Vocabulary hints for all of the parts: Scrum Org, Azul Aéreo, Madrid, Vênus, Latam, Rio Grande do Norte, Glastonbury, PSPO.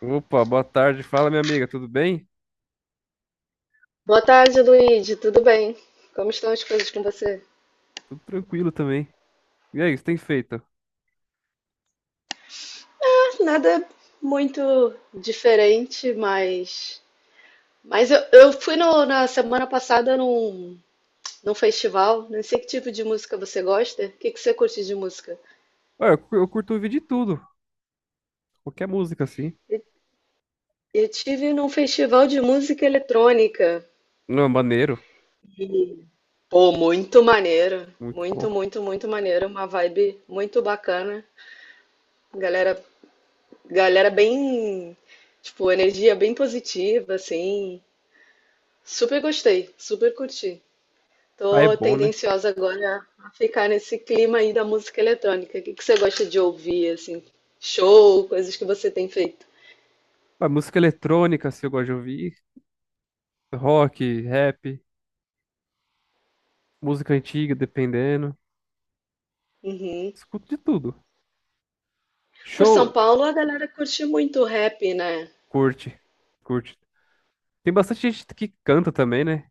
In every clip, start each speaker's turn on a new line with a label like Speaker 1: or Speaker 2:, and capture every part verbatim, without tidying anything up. Speaker 1: Opa, boa tarde. Fala, minha amiga, tudo bem?
Speaker 2: Boa tarde, Luíde. Tudo bem? Como estão as coisas com você?
Speaker 1: Tudo tranquilo também. E aí, o que você tem feito?
Speaker 2: Nada muito diferente, mas. Mas eu, eu fui no- na semana passada num, num festival. Não sei que tipo de música você gosta. O que, que você curte de música?
Speaker 1: Olha, eu cu- eu curto ouvir de tudo. Qualquer música, assim.
Speaker 2: Eu tive num festival de música eletrônica.
Speaker 1: Não, maneiro.
Speaker 2: Pô, muito maneiro.
Speaker 1: Muito
Speaker 2: Muito,
Speaker 1: bom.
Speaker 2: muito, muito maneiro. Uma vibe muito bacana. Galera, galera bem. Tipo, energia bem positiva, assim. Super gostei, super curti.
Speaker 1: Ah, é
Speaker 2: Tô
Speaker 1: bom, né?
Speaker 2: tendenciosa agora a ficar nesse clima aí da música eletrônica. O que que você gosta de ouvir, assim? Show, coisas que você tem feito.
Speaker 1: Ah, música eletrônica, assim, eu gosto de ouvir. Rock, rap, música antiga, dependendo.
Speaker 2: Uhum.
Speaker 1: Escuto de tudo.
Speaker 2: Por São
Speaker 1: Show,
Speaker 2: Paulo, a galera curte muito rap, né?
Speaker 1: curte. Curte. Tem bastante gente que canta também, né?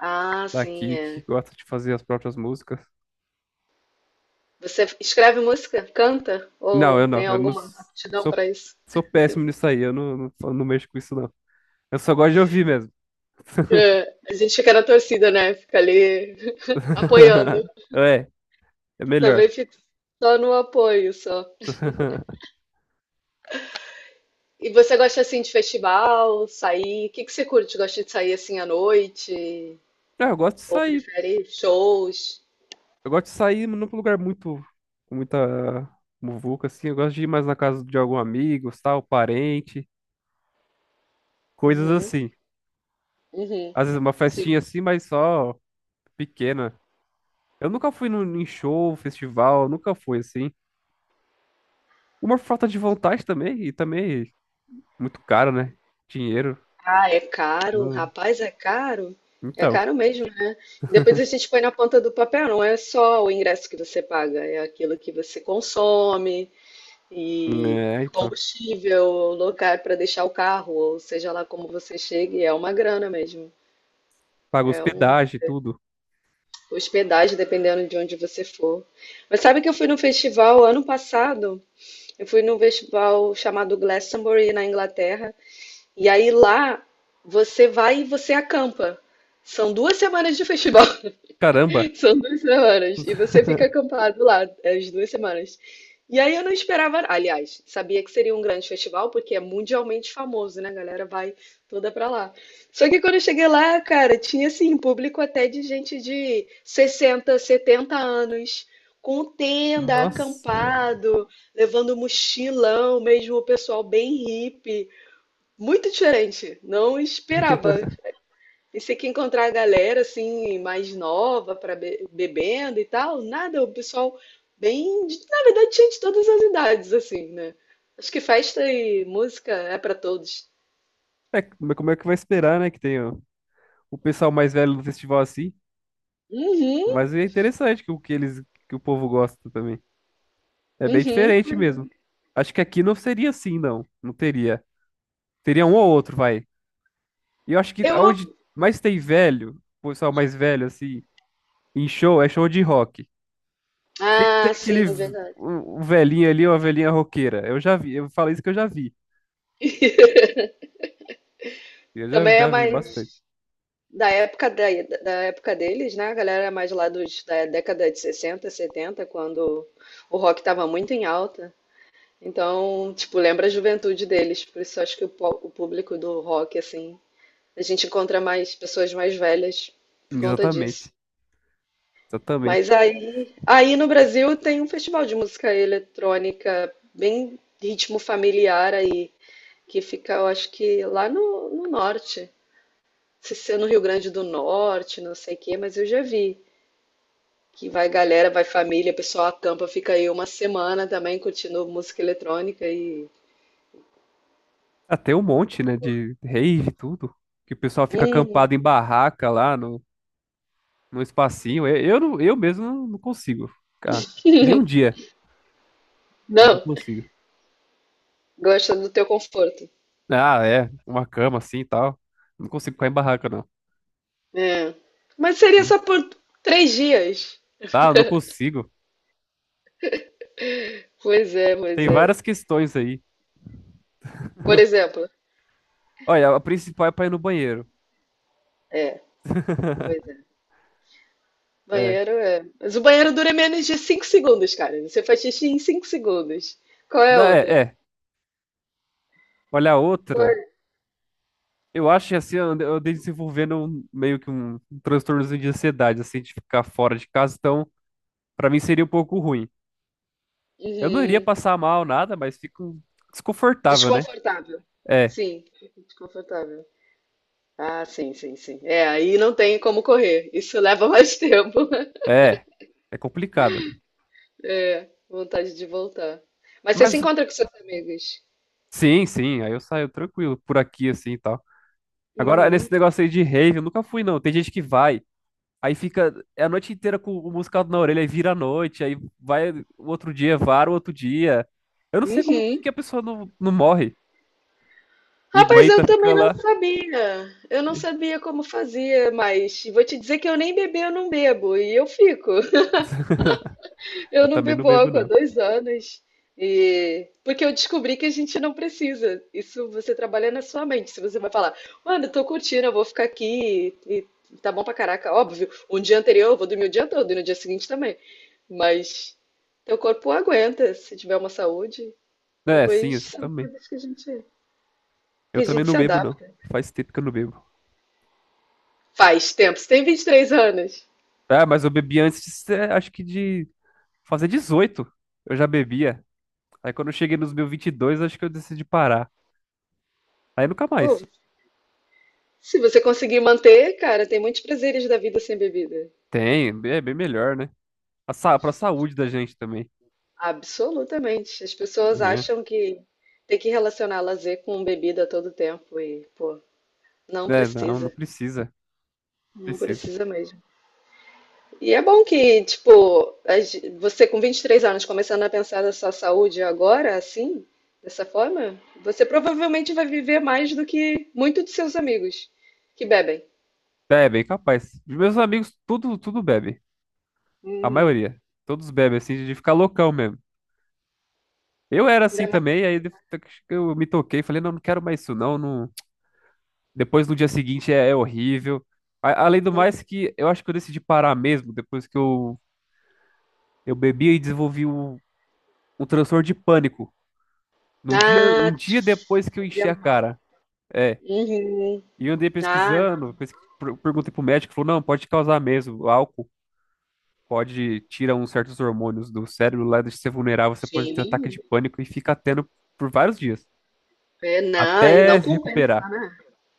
Speaker 2: Ah, sim,
Speaker 1: Daqui, que
Speaker 2: é.
Speaker 1: gosta de fazer as próprias músicas.
Speaker 2: Você escreve música? Canta?
Speaker 1: Não, eu
Speaker 2: Ou
Speaker 1: não.
Speaker 2: tem
Speaker 1: Eu não
Speaker 2: alguma
Speaker 1: s-
Speaker 2: aptidão
Speaker 1: sou,
Speaker 2: para isso?
Speaker 1: sou péssimo nisso aí. Eu não, não, não mexo com isso, não. Eu só gosto de ouvir mesmo.
Speaker 2: É, a gente fica na torcida, né? Fica ali apoiando.
Speaker 1: É, é melhor.
Speaker 2: Também fico só no apoio, só. E você gosta assim de festival, sair? O que que você curte? Gosta de sair assim à noite?
Speaker 1: É, eu gosto de
Speaker 2: Ou
Speaker 1: sair.
Speaker 2: prefere shows?
Speaker 1: Eu gosto de sair num lugar muito, com muita muvuca, assim. Eu gosto de ir mais na casa de algum amigo, tal, parente, coisas
Speaker 2: Uhum,
Speaker 1: assim.
Speaker 2: uhum,
Speaker 1: Às vezes uma festinha
Speaker 2: sim.
Speaker 1: assim, mas só pequena. Eu nunca fui num, em show, festival, nunca fui assim. Uma falta de vontade também, e também muito caro, né? Dinheiro.
Speaker 2: Ah, é caro,
Speaker 1: Hum,
Speaker 2: rapaz, é caro. É
Speaker 1: Então,
Speaker 2: caro mesmo, né? Depois a gente põe na ponta do papel, não é só o ingresso que você paga, é aquilo que você consome e
Speaker 1: é, então.
Speaker 2: combustível, lugar para deixar o carro, ou seja lá como você chegue, é uma grana mesmo.
Speaker 1: Paga
Speaker 2: É um
Speaker 1: hospedagem, tudo.
Speaker 2: hospedagem, dependendo de onde você for. Mas sabe que eu fui num festival ano passado? Eu fui num festival chamado Glastonbury na Inglaterra. E aí lá você vai e você acampa. São duas semanas de festival.
Speaker 1: Caramba.
Speaker 2: São duas semanas. E você fica acampado lá é, as duas semanas. E aí eu não esperava. Aliás, sabia que seria um grande festival, porque é mundialmente famoso, né? A galera vai toda pra lá. Só que quando eu cheguei lá, cara, tinha assim, público até de gente de sessenta, setenta anos, com tenda,
Speaker 1: Nossa.
Speaker 2: acampado, levando mochilão, mesmo o pessoal bem hippie. Muito diferente. Não esperava. E se que encontrar a galera assim mais nova para bebendo e tal, nada, o pessoal bem, de- na verdade tinha de todas as idades assim, né? Acho que festa e música é para todos.
Speaker 1: É, mas como é que vai esperar, né? Que tenha o o pessoal mais velho do festival assim.
Speaker 2: Uhum,
Speaker 1: Mas é interessante que o que eles, que o povo gosta também. É bem
Speaker 2: uhum.
Speaker 1: diferente mesmo. Acho que aqui não seria assim, não. Não teria. Teria um ou outro, vai. E eu acho que
Speaker 2: Eu,
Speaker 1: aonde mais tem velho, o pessoal mais velho, assim, em show, é show de rock. Sempre tem
Speaker 2: ah,
Speaker 1: aquele
Speaker 2: sim,
Speaker 1: v-
Speaker 2: verdade.
Speaker 1: um um velhinho ali, uma velhinha roqueira. Eu já vi, eu falei isso que eu já vi. Eu já,
Speaker 2: Também é
Speaker 1: já vi bastante.
Speaker 2: mais da época da, da época deles, né? A galera é mais lá dos, da década de sessenta setenta quando o rock estava muito em alta. Então, tipo, lembra a juventude deles. Por isso acho que o, po- o público do rock, assim, a gente encontra mais pessoas mais velhas por conta disso.
Speaker 1: Exatamente.
Speaker 2: Mas
Speaker 1: Exatamente.
Speaker 2: aí, aí no Brasil tem um festival de música eletrônica bem ritmo familiar aí, que fica, eu acho que lá no, no norte. Se ser no Rio Grande do Norte, não sei o quê, mas eu já vi que vai galera, vai família, o pessoal acampa, fica aí uma semana também curtindo música eletrônica e.
Speaker 1: Ah, tem um monte, né, de rave e tudo. Que o pessoal fica
Speaker 2: Hum,
Speaker 1: acampado em barraca lá no, no espacinho. Eu, eu, não- eu mesmo não não consigo ficar. Nem um dia. Não
Speaker 2: não,
Speaker 1: consigo.
Speaker 2: gosta do teu conforto.
Speaker 1: Ah, é. Uma cama assim e tal. Não consigo ficar em barraca, não.
Speaker 2: É. Mas seria só por três dias.
Speaker 1: Ah, não consigo.
Speaker 2: Pois é, pois
Speaker 1: Tem
Speaker 2: é.
Speaker 1: várias questões aí.
Speaker 2: Por exemplo,
Speaker 1: Olha, a principal é pra ir no banheiro.
Speaker 2: é, pois é.
Speaker 1: É.
Speaker 2: Banheiro é. Mas o banheiro dura menos de cinco segundos, cara. Você faz xixi em cinco segundos. Qual é
Speaker 1: Não,
Speaker 2: a
Speaker 1: é,
Speaker 2: outra?
Speaker 1: é. Olha a outra.
Speaker 2: Qual é?
Speaker 1: Eu acho que assim, eu ande- eu andei desenvolvendo um- meio que um transtorno de ansiedade, assim, de ficar fora de casa. Então, pra mim seria um pouco ruim. Eu não iria
Speaker 2: Uhum.
Speaker 1: passar mal nada, mas fico desconfortável, né?
Speaker 2: Desconfortável.
Speaker 1: É,
Speaker 2: Sim, desconfortável. Ah, sim, sim, sim. É, aí não tem como correr. Isso leva mais tempo.
Speaker 1: é, é complicado.
Speaker 2: É, vontade de voltar. Mas você se
Speaker 1: Mas
Speaker 2: encontra com seus amigos.
Speaker 1: sim, sim, aí eu saio tranquilo por aqui assim e tal. Agora,
Speaker 2: Uhum.
Speaker 1: nesse negócio aí de rave, eu nunca fui não. Tem gente que vai, aí fica é a noite inteira com o musical na orelha, aí vira a noite, aí vai o outro dia, vara o outro dia. Eu não sei como que
Speaker 2: Uhum.
Speaker 1: que a pessoa não, não morre. E
Speaker 2: Rapaz, eu
Speaker 1: aguenta ficar
Speaker 2: também não
Speaker 1: lá.
Speaker 2: sabia. Eu não sabia como fazia, mas vou te dizer que eu nem beber, eu não bebo. E eu fico.
Speaker 1: Eu
Speaker 2: Eu não
Speaker 1: também não
Speaker 2: bebo
Speaker 1: bebo,
Speaker 2: álcool há
Speaker 1: não.
Speaker 2: dois anos. E... Porque eu descobri que a gente não precisa. Isso você trabalha na sua mente. Se você vai falar, mano, eu tô curtindo, eu vou ficar aqui e tá bom pra caraca. Óbvio, um dia anterior eu vou dormir o dia todo e no dia seguinte também. Mas teu corpo aguenta se tiver uma saúde.
Speaker 1: É, sim,
Speaker 2: Depois
Speaker 1: essa
Speaker 2: são
Speaker 1: também.
Speaker 2: coisas que a gente,
Speaker 1: Eu
Speaker 2: que a
Speaker 1: também
Speaker 2: gente
Speaker 1: não
Speaker 2: se
Speaker 1: bebo, não.
Speaker 2: adapta.
Speaker 1: Faz tempo que eu não bebo.
Speaker 2: Faz tempo, você tem vinte e três anos.
Speaker 1: Ah, mas eu bebi antes de, ser- acho que de fazer dezoito, eu já bebia. Aí quando eu cheguei nos meus vinte e dois, acho que eu decidi parar. Aí nunca
Speaker 2: Pô,
Speaker 1: mais.
Speaker 2: se você conseguir manter, cara, tem muitos prazeres da vida sem bebida.
Speaker 1: Tem, é bem melhor, né? A, sa- pra saúde da gente também,
Speaker 2: Absolutamente. As pessoas
Speaker 1: né?
Speaker 2: acham que tem que relacionar lazer com bebida a todo tempo e, pô, não
Speaker 1: É, não, não
Speaker 2: precisa.
Speaker 1: precisa.
Speaker 2: Não
Speaker 1: Precisa.
Speaker 2: precisa mesmo. E é bom que, tipo, a ge- você com vinte e três anos começando a pensar na sua saúde agora, assim, dessa forma, você provavelmente vai viver mais do que muitos de seus amigos que bebem.
Speaker 1: É, bem capaz. Meus amigos, tudo, tudo bebe. A
Speaker 2: Uhum.
Speaker 1: maioria. Todos bebem, assim, de ficar loucão mesmo. Eu era assim
Speaker 2: Ainda
Speaker 1: também, aí de- eu me toquei, falei, não, não quero mais isso, não. Não... Depois no dia seguinte é, é horrível. A- Além do mais
Speaker 2: mais,
Speaker 1: que eu acho que eu decidi parar mesmo, depois que eu, eu bebi e desenvolvi um, um transtorno de pânico. Num dia, um
Speaker 2: ah,
Speaker 1: dia depois que eu
Speaker 2: fazia
Speaker 1: enchi a
Speaker 2: mal.
Speaker 1: cara. É.
Speaker 2: Uhum.
Speaker 1: E eu andei
Speaker 2: Ah,
Speaker 1: pesquisando,
Speaker 2: não.
Speaker 1: pesqui- per- perguntei pro médico, falou, não, pode causar mesmo, o álcool. Pode tirar uns certos hormônios do cérebro lá, deixa você vulnerável, você pode ter ataque
Speaker 2: Sim.
Speaker 1: de pânico e fica tendo por vários dias.
Speaker 2: É, não, e não
Speaker 1: Até se
Speaker 2: compensa,
Speaker 1: recuperar.
Speaker 2: né?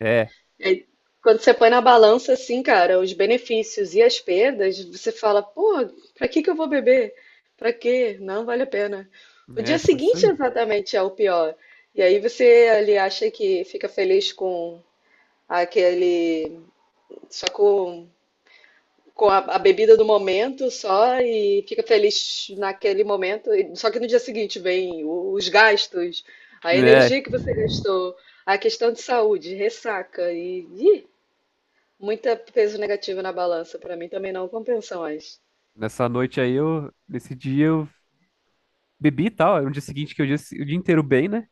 Speaker 1: É,
Speaker 2: É, quando você põe na balança, assim, cara, os benefícios e as perdas, você fala, pô, pra que que eu vou beber? Pra quê? Não vale a pena. O
Speaker 1: é,
Speaker 2: dia
Speaker 1: foi isso
Speaker 2: seguinte,
Speaker 1: aí.
Speaker 2: exatamente, é o pior. E aí você ali acha que fica feliz com aquele, só com com a, a bebida do momento só e fica feliz naquele momento. E- Só que no dia seguinte vem o- os gastos, a
Speaker 1: É,
Speaker 2: energia que você gastou, a questão de saúde, ressaca e ih, muita peso negativo na balança. Para mim também não compensa mais.
Speaker 1: nessa noite aí eu, nesse dia eu bebi e tal. Aí no dia seguinte que eu disse o dia inteiro bem, né?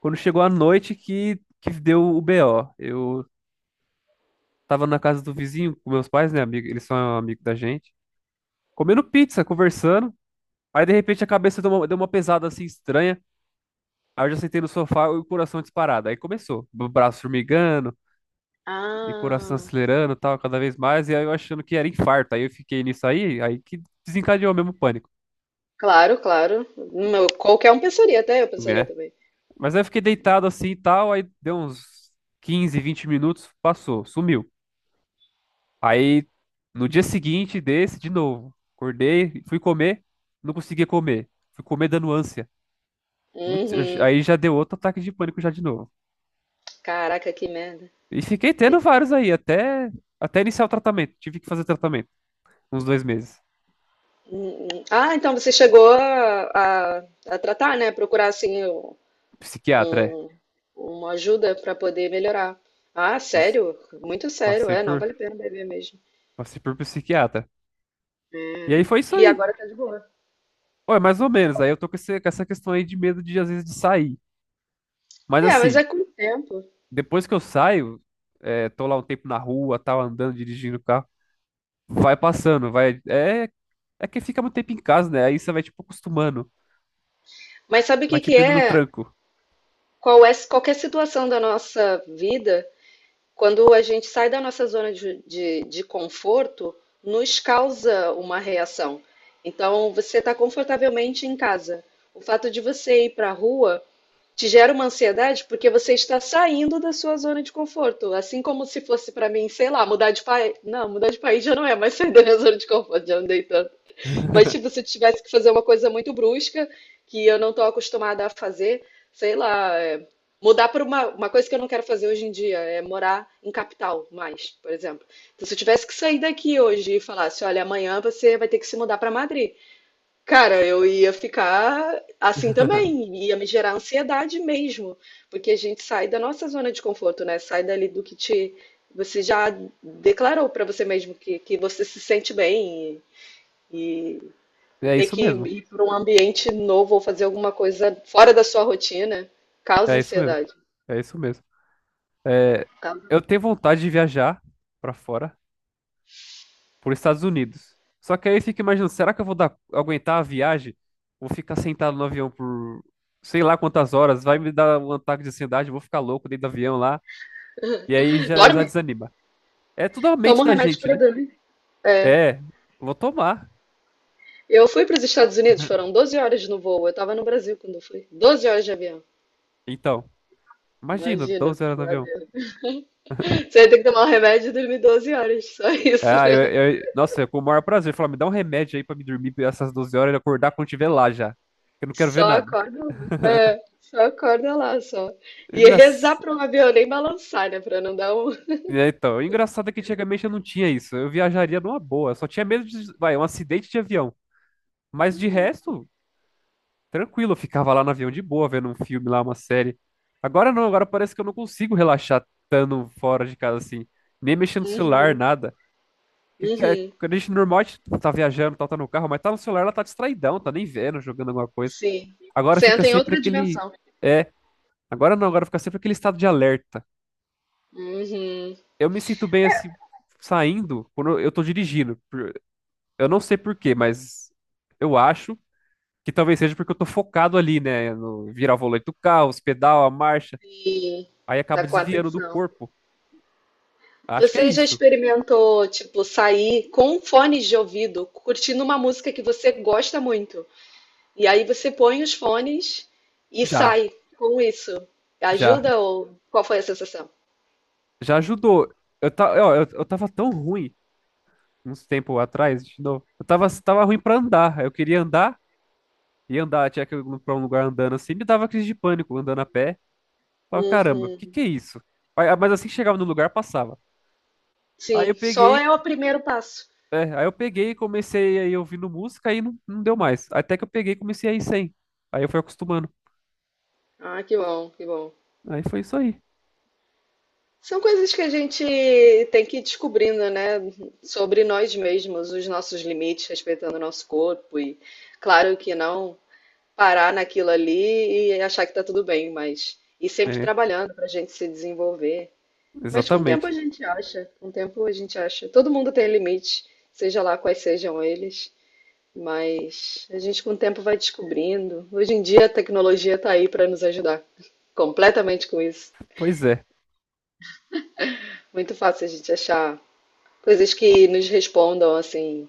Speaker 1: Quando chegou a noite que, que deu o B O. Eu tava na casa do vizinho com meus pais, né, amigo? Eles são amigos da gente. Comendo pizza, conversando. Aí de repente a cabeça deu uma, deu uma pesada assim estranha. Aí eu já sentei no sofá e o coração disparado. Aí começou. O braço formigando, e coração
Speaker 2: Ah,
Speaker 1: acelerando, e tal, cada vez mais, e aí eu achando que era infarto. Aí eu fiquei nisso aí, aí que desencadeou mesmo o pânico,
Speaker 2: claro, claro. Não, qualquer um pensaria, até eu pensaria
Speaker 1: né?
Speaker 2: também.
Speaker 1: Mas aí eu fiquei deitado assim e tal, aí deu uns quinze vinte minutos, passou, sumiu. Aí no dia seguinte desse, de novo, acordei, fui comer, não conseguia comer. Fui comer dando ânsia. Muito-
Speaker 2: Uhum.
Speaker 1: aí já deu outro ataque de pânico já de novo.
Speaker 2: Caraca, que merda.
Speaker 1: E fiquei tendo
Speaker 2: Eita.
Speaker 1: vários aí, até, até iniciar o tratamento. Tive que fazer tratamento, uns dois meses.
Speaker 2: Uhum. Ah, então você chegou a, a- a tratar, né? Procurar assim o-
Speaker 1: Psiquiatra, é.
Speaker 2: um- uma ajuda para poder melhorar. Ah,
Speaker 1: Isso.
Speaker 2: sério? Muito sério,
Speaker 1: Passei
Speaker 2: é, não
Speaker 1: por
Speaker 2: vale a pena beber mesmo.
Speaker 1: Passei por psiquiatra. E aí foi isso
Speaker 2: E
Speaker 1: aí.
Speaker 2: agora tá de boa.
Speaker 1: Ué, mais ou menos. Aí eu tô com, esse- com essa questão aí de medo de, às vezes, de sair. Mas
Speaker 2: É, mas
Speaker 1: assim,
Speaker 2: é com o tempo.
Speaker 1: depois que eu saio, é, tô lá um tempo na rua, tal, andando, dirigindo o carro, vai passando, vai. É, é que fica muito tempo em casa, né? Aí você vai, tipo, acostumando.
Speaker 2: Mas sabe o
Speaker 1: Vai,
Speaker 2: que que
Speaker 1: tipo, indo no
Speaker 2: é?
Speaker 1: tranco.
Speaker 2: Qual é qualquer situação da nossa vida, quando a gente sai da nossa zona de, de, de conforto, nos causa uma reação. Então, você está confortavelmente em casa. O fato de você ir para a rua te gera uma ansiedade porque você está saindo da sua zona de conforto. Assim como se fosse para mim, sei lá, mudar de país. Não, mudar de país já não é mais sair da minha zona de conforto, já andei tanto. Mas tipo, se eu tivesse que fazer uma coisa muito brusca, que eu não estou acostumada a fazer, sei lá, é, mudar para uma, uma coisa que eu não quero fazer hoje em dia, é morar em capital mais, por exemplo. Então, se eu tivesse que sair daqui hoje e falasse, olha, amanhã você vai ter que se mudar para Madrid. Cara, eu ia ficar assim também, ia me gerar ansiedade mesmo, porque a gente sai da nossa zona de conforto, né? Sai dali do que te, você já declarou para você mesmo que, que você se sente bem e, e
Speaker 1: É
Speaker 2: ter
Speaker 1: isso
Speaker 2: que
Speaker 1: mesmo.
Speaker 2: ir para um ambiente novo ou fazer alguma coisa fora da sua rotina
Speaker 1: É
Speaker 2: causa
Speaker 1: isso mesmo.
Speaker 2: ansiedade.
Speaker 1: É isso mesmo. É,
Speaker 2: Causa-
Speaker 1: eu tenho vontade de viajar pra fora, por Estados Unidos. Só que aí eu fico imaginando, será que eu vou dar, aguentar a viagem? Vou ficar sentado no avião por sei lá quantas horas, vai me dar um ataque de ansiedade, vou ficar louco dentro do avião lá, e aí já, já
Speaker 2: Dorme?
Speaker 1: desanima. É tudo a mente
Speaker 2: Toma um
Speaker 1: da
Speaker 2: remédio
Speaker 1: gente,
Speaker 2: para
Speaker 1: né?
Speaker 2: dormir. É.
Speaker 1: É, vou tomar.
Speaker 2: Eu fui para os Estados Unidos, foram doze horas no voo. Eu estava no Brasil quando eu fui. Doze horas de avião.
Speaker 1: Então, imagina,
Speaker 2: Imagina,
Speaker 1: doze horas no avião.
Speaker 2: você vai ter que tomar o remédio e dormir doze horas, só isso.
Speaker 1: Ah, eu, eu- nossa, é com o maior prazer. Falar, me dá um remédio aí pra me dormir essas doze horas e acordar quando tiver lá já. Eu não quero ver
Speaker 2: Só
Speaker 1: nada.
Speaker 2: acorda lá. É, só acorda lá, só.
Speaker 1: É
Speaker 2: E rezar
Speaker 1: engraçado.
Speaker 2: para um avião nem balançar, né? Para não dar um.
Speaker 1: É, então, o engraçado é que antigamente eu não tinha isso. Eu viajaria numa boa. Eu só tinha medo de, vai, um acidente de avião. Mas de
Speaker 2: Uhum,
Speaker 1: resto, tranquilo, eu ficava lá no avião de boa, vendo um filme lá, uma série. Agora não, agora parece que eu não consigo relaxar estando fora de casa assim. Nem mexendo no celular,
Speaker 2: uhum,
Speaker 1: nada. Que, que é-
Speaker 2: uhum.
Speaker 1: quando a gente normal, a gente tá viajando, tá, tá no carro, mas tá no celular, ela tá distraidão, tá nem vendo, jogando alguma coisa.
Speaker 2: Sim.
Speaker 1: Agora
Speaker 2: Você
Speaker 1: fica
Speaker 2: em
Speaker 1: sempre
Speaker 2: outra
Speaker 1: aquele.
Speaker 2: dimensão.
Speaker 1: É, agora não, agora fica sempre aquele estado de alerta.
Speaker 2: Uhum.
Speaker 1: Eu me sinto bem assim, saindo, quando eu tô dirigindo. Eu não sei por quê, mas eu acho que talvez seja porque eu tô focado ali, né? No virar o volante do carro, os pedal, a marcha.
Speaker 2: E
Speaker 1: Aí
Speaker 2: tá
Speaker 1: acaba
Speaker 2: com
Speaker 1: desviando do
Speaker 2: atenção.
Speaker 1: corpo. Acho que é
Speaker 2: Você já
Speaker 1: isso.
Speaker 2: experimentou, tipo, sair com fones de ouvido, curtindo uma música que você gosta muito? E aí você põe os fones e
Speaker 1: Já,
Speaker 2: sai com isso.
Speaker 1: já,
Speaker 2: Ajuda ou qual foi a sensação?
Speaker 1: já ajudou. Eu, ta... ó, eu, eu tava tão ruim uns tempo atrás, de novo. Eu tava, tava ruim pra andar. Eu queria andar e andar, tinha que ir pra um lugar andando assim, me dava crise de pânico andando a pé. Falava, caramba, o que
Speaker 2: Uhum.
Speaker 1: que é isso? Aí, mas assim que chegava no lugar, passava. Aí
Speaker 2: Sim,
Speaker 1: eu
Speaker 2: só
Speaker 1: peguei
Speaker 2: é o primeiro passo.
Speaker 1: É, aí eu peguei e comecei aí ouvindo música aí não, não deu mais. Até que eu peguei e comecei a ir sem. Aí eu fui acostumando.
Speaker 2: Ah, que bom, que bom.
Speaker 1: Aí foi isso aí.
Speaker 2: São coisas que a gente tem que ir descobrindo, né? Sobre nós mesmos, os nossos limites, respeitando o nosso corpo e, claro que não parar naquilo ali e achar que tá tudo bem, mas ir sempre
Speaker 1: É,
Speaker 2: trabalhando para a gente se desenvolver. Mas com o tempo a
Speaker 1: exatamente.
Speaker 2: gente acha, com o tempo a gente acha. Todo mundo tem limite, seja lá quais sejam eles, mas a gente com o tempo vai descobrindo. Hoje em dia a tecnologia está aí para nos ajudar completamente com isso.
Speaker 1: Pois é.
Speaker 2: Muito fácil a gente achar coisas que nos respondam assim.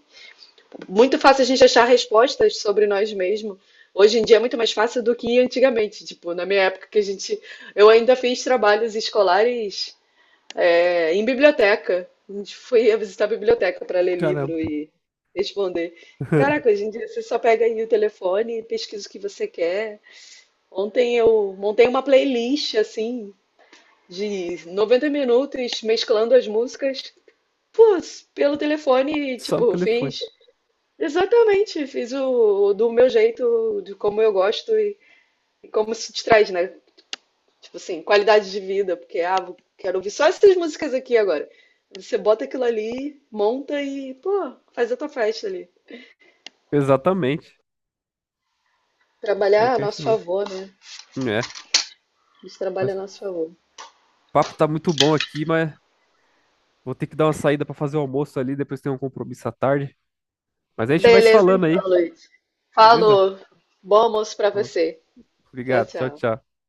Speaker 2: Muito fácil a gente achar respostas sobre nós mesmos. Hoje em dia é muito mais fácil do que antigamente. Tipo, na minha época que a gente, eu ainda fiz trabalhos escolares é, em biblioteca. A gente foi visitar a biblioteca para ler
Speaker 1: Caramba.
Speaker 2: livro e responder. Caraca, hoje em dia você só pega aí o telefone e pesquisa o que você quer. Ontem eu montei uma playlist assim de noventa minutos mesclando as músicas, pô, pelo telefone, e,
Speaker 1: Só no
Speaker 2: tipo,
Speaker 1: telefone.
Speaker 2: fiz exatamente, fiz o, do meu jeito, de como eu gosto e, e como se te traz, né? Tipo assim, qualidade de vida, porque ah, vou- quero ouvir só essas músicas aqui agora. Você bota aquilo ali, monta e, pô, faz a tua festa ali.
Speaker 1: Exatamente. Pior
Speaker 2: Trabalhar a
Speaker 1: que é isso
Speaker 2: nosso
Speaker 1: mesmo.
Speaker 2: favor, né?
Speaker 1: É,
Speaker 2: A gente trabalha
Speaker 1: mas
Speaker 2: a
Speaker 1: o
Speaker 2: nosso favor.
Speaker 1: papo tá muito bom aqui, mas vou ter que dar uma saída pra fazer o almoço ali, depois tem um compromisso à tarde. Mas a gente vai se
Speaker 2: Beleza,
Speaker 1: falando
Speaker 2: então,
Speaker 1: aí,
Speaker 2: Luiz.
Speaker 1: beleza?
Speaker 2: Falou. Bom almoço pra você. Tchau,
Speaker 1: Obrigado. Tchau,
Speaker 2: tchau.
Speaker 1: tchau.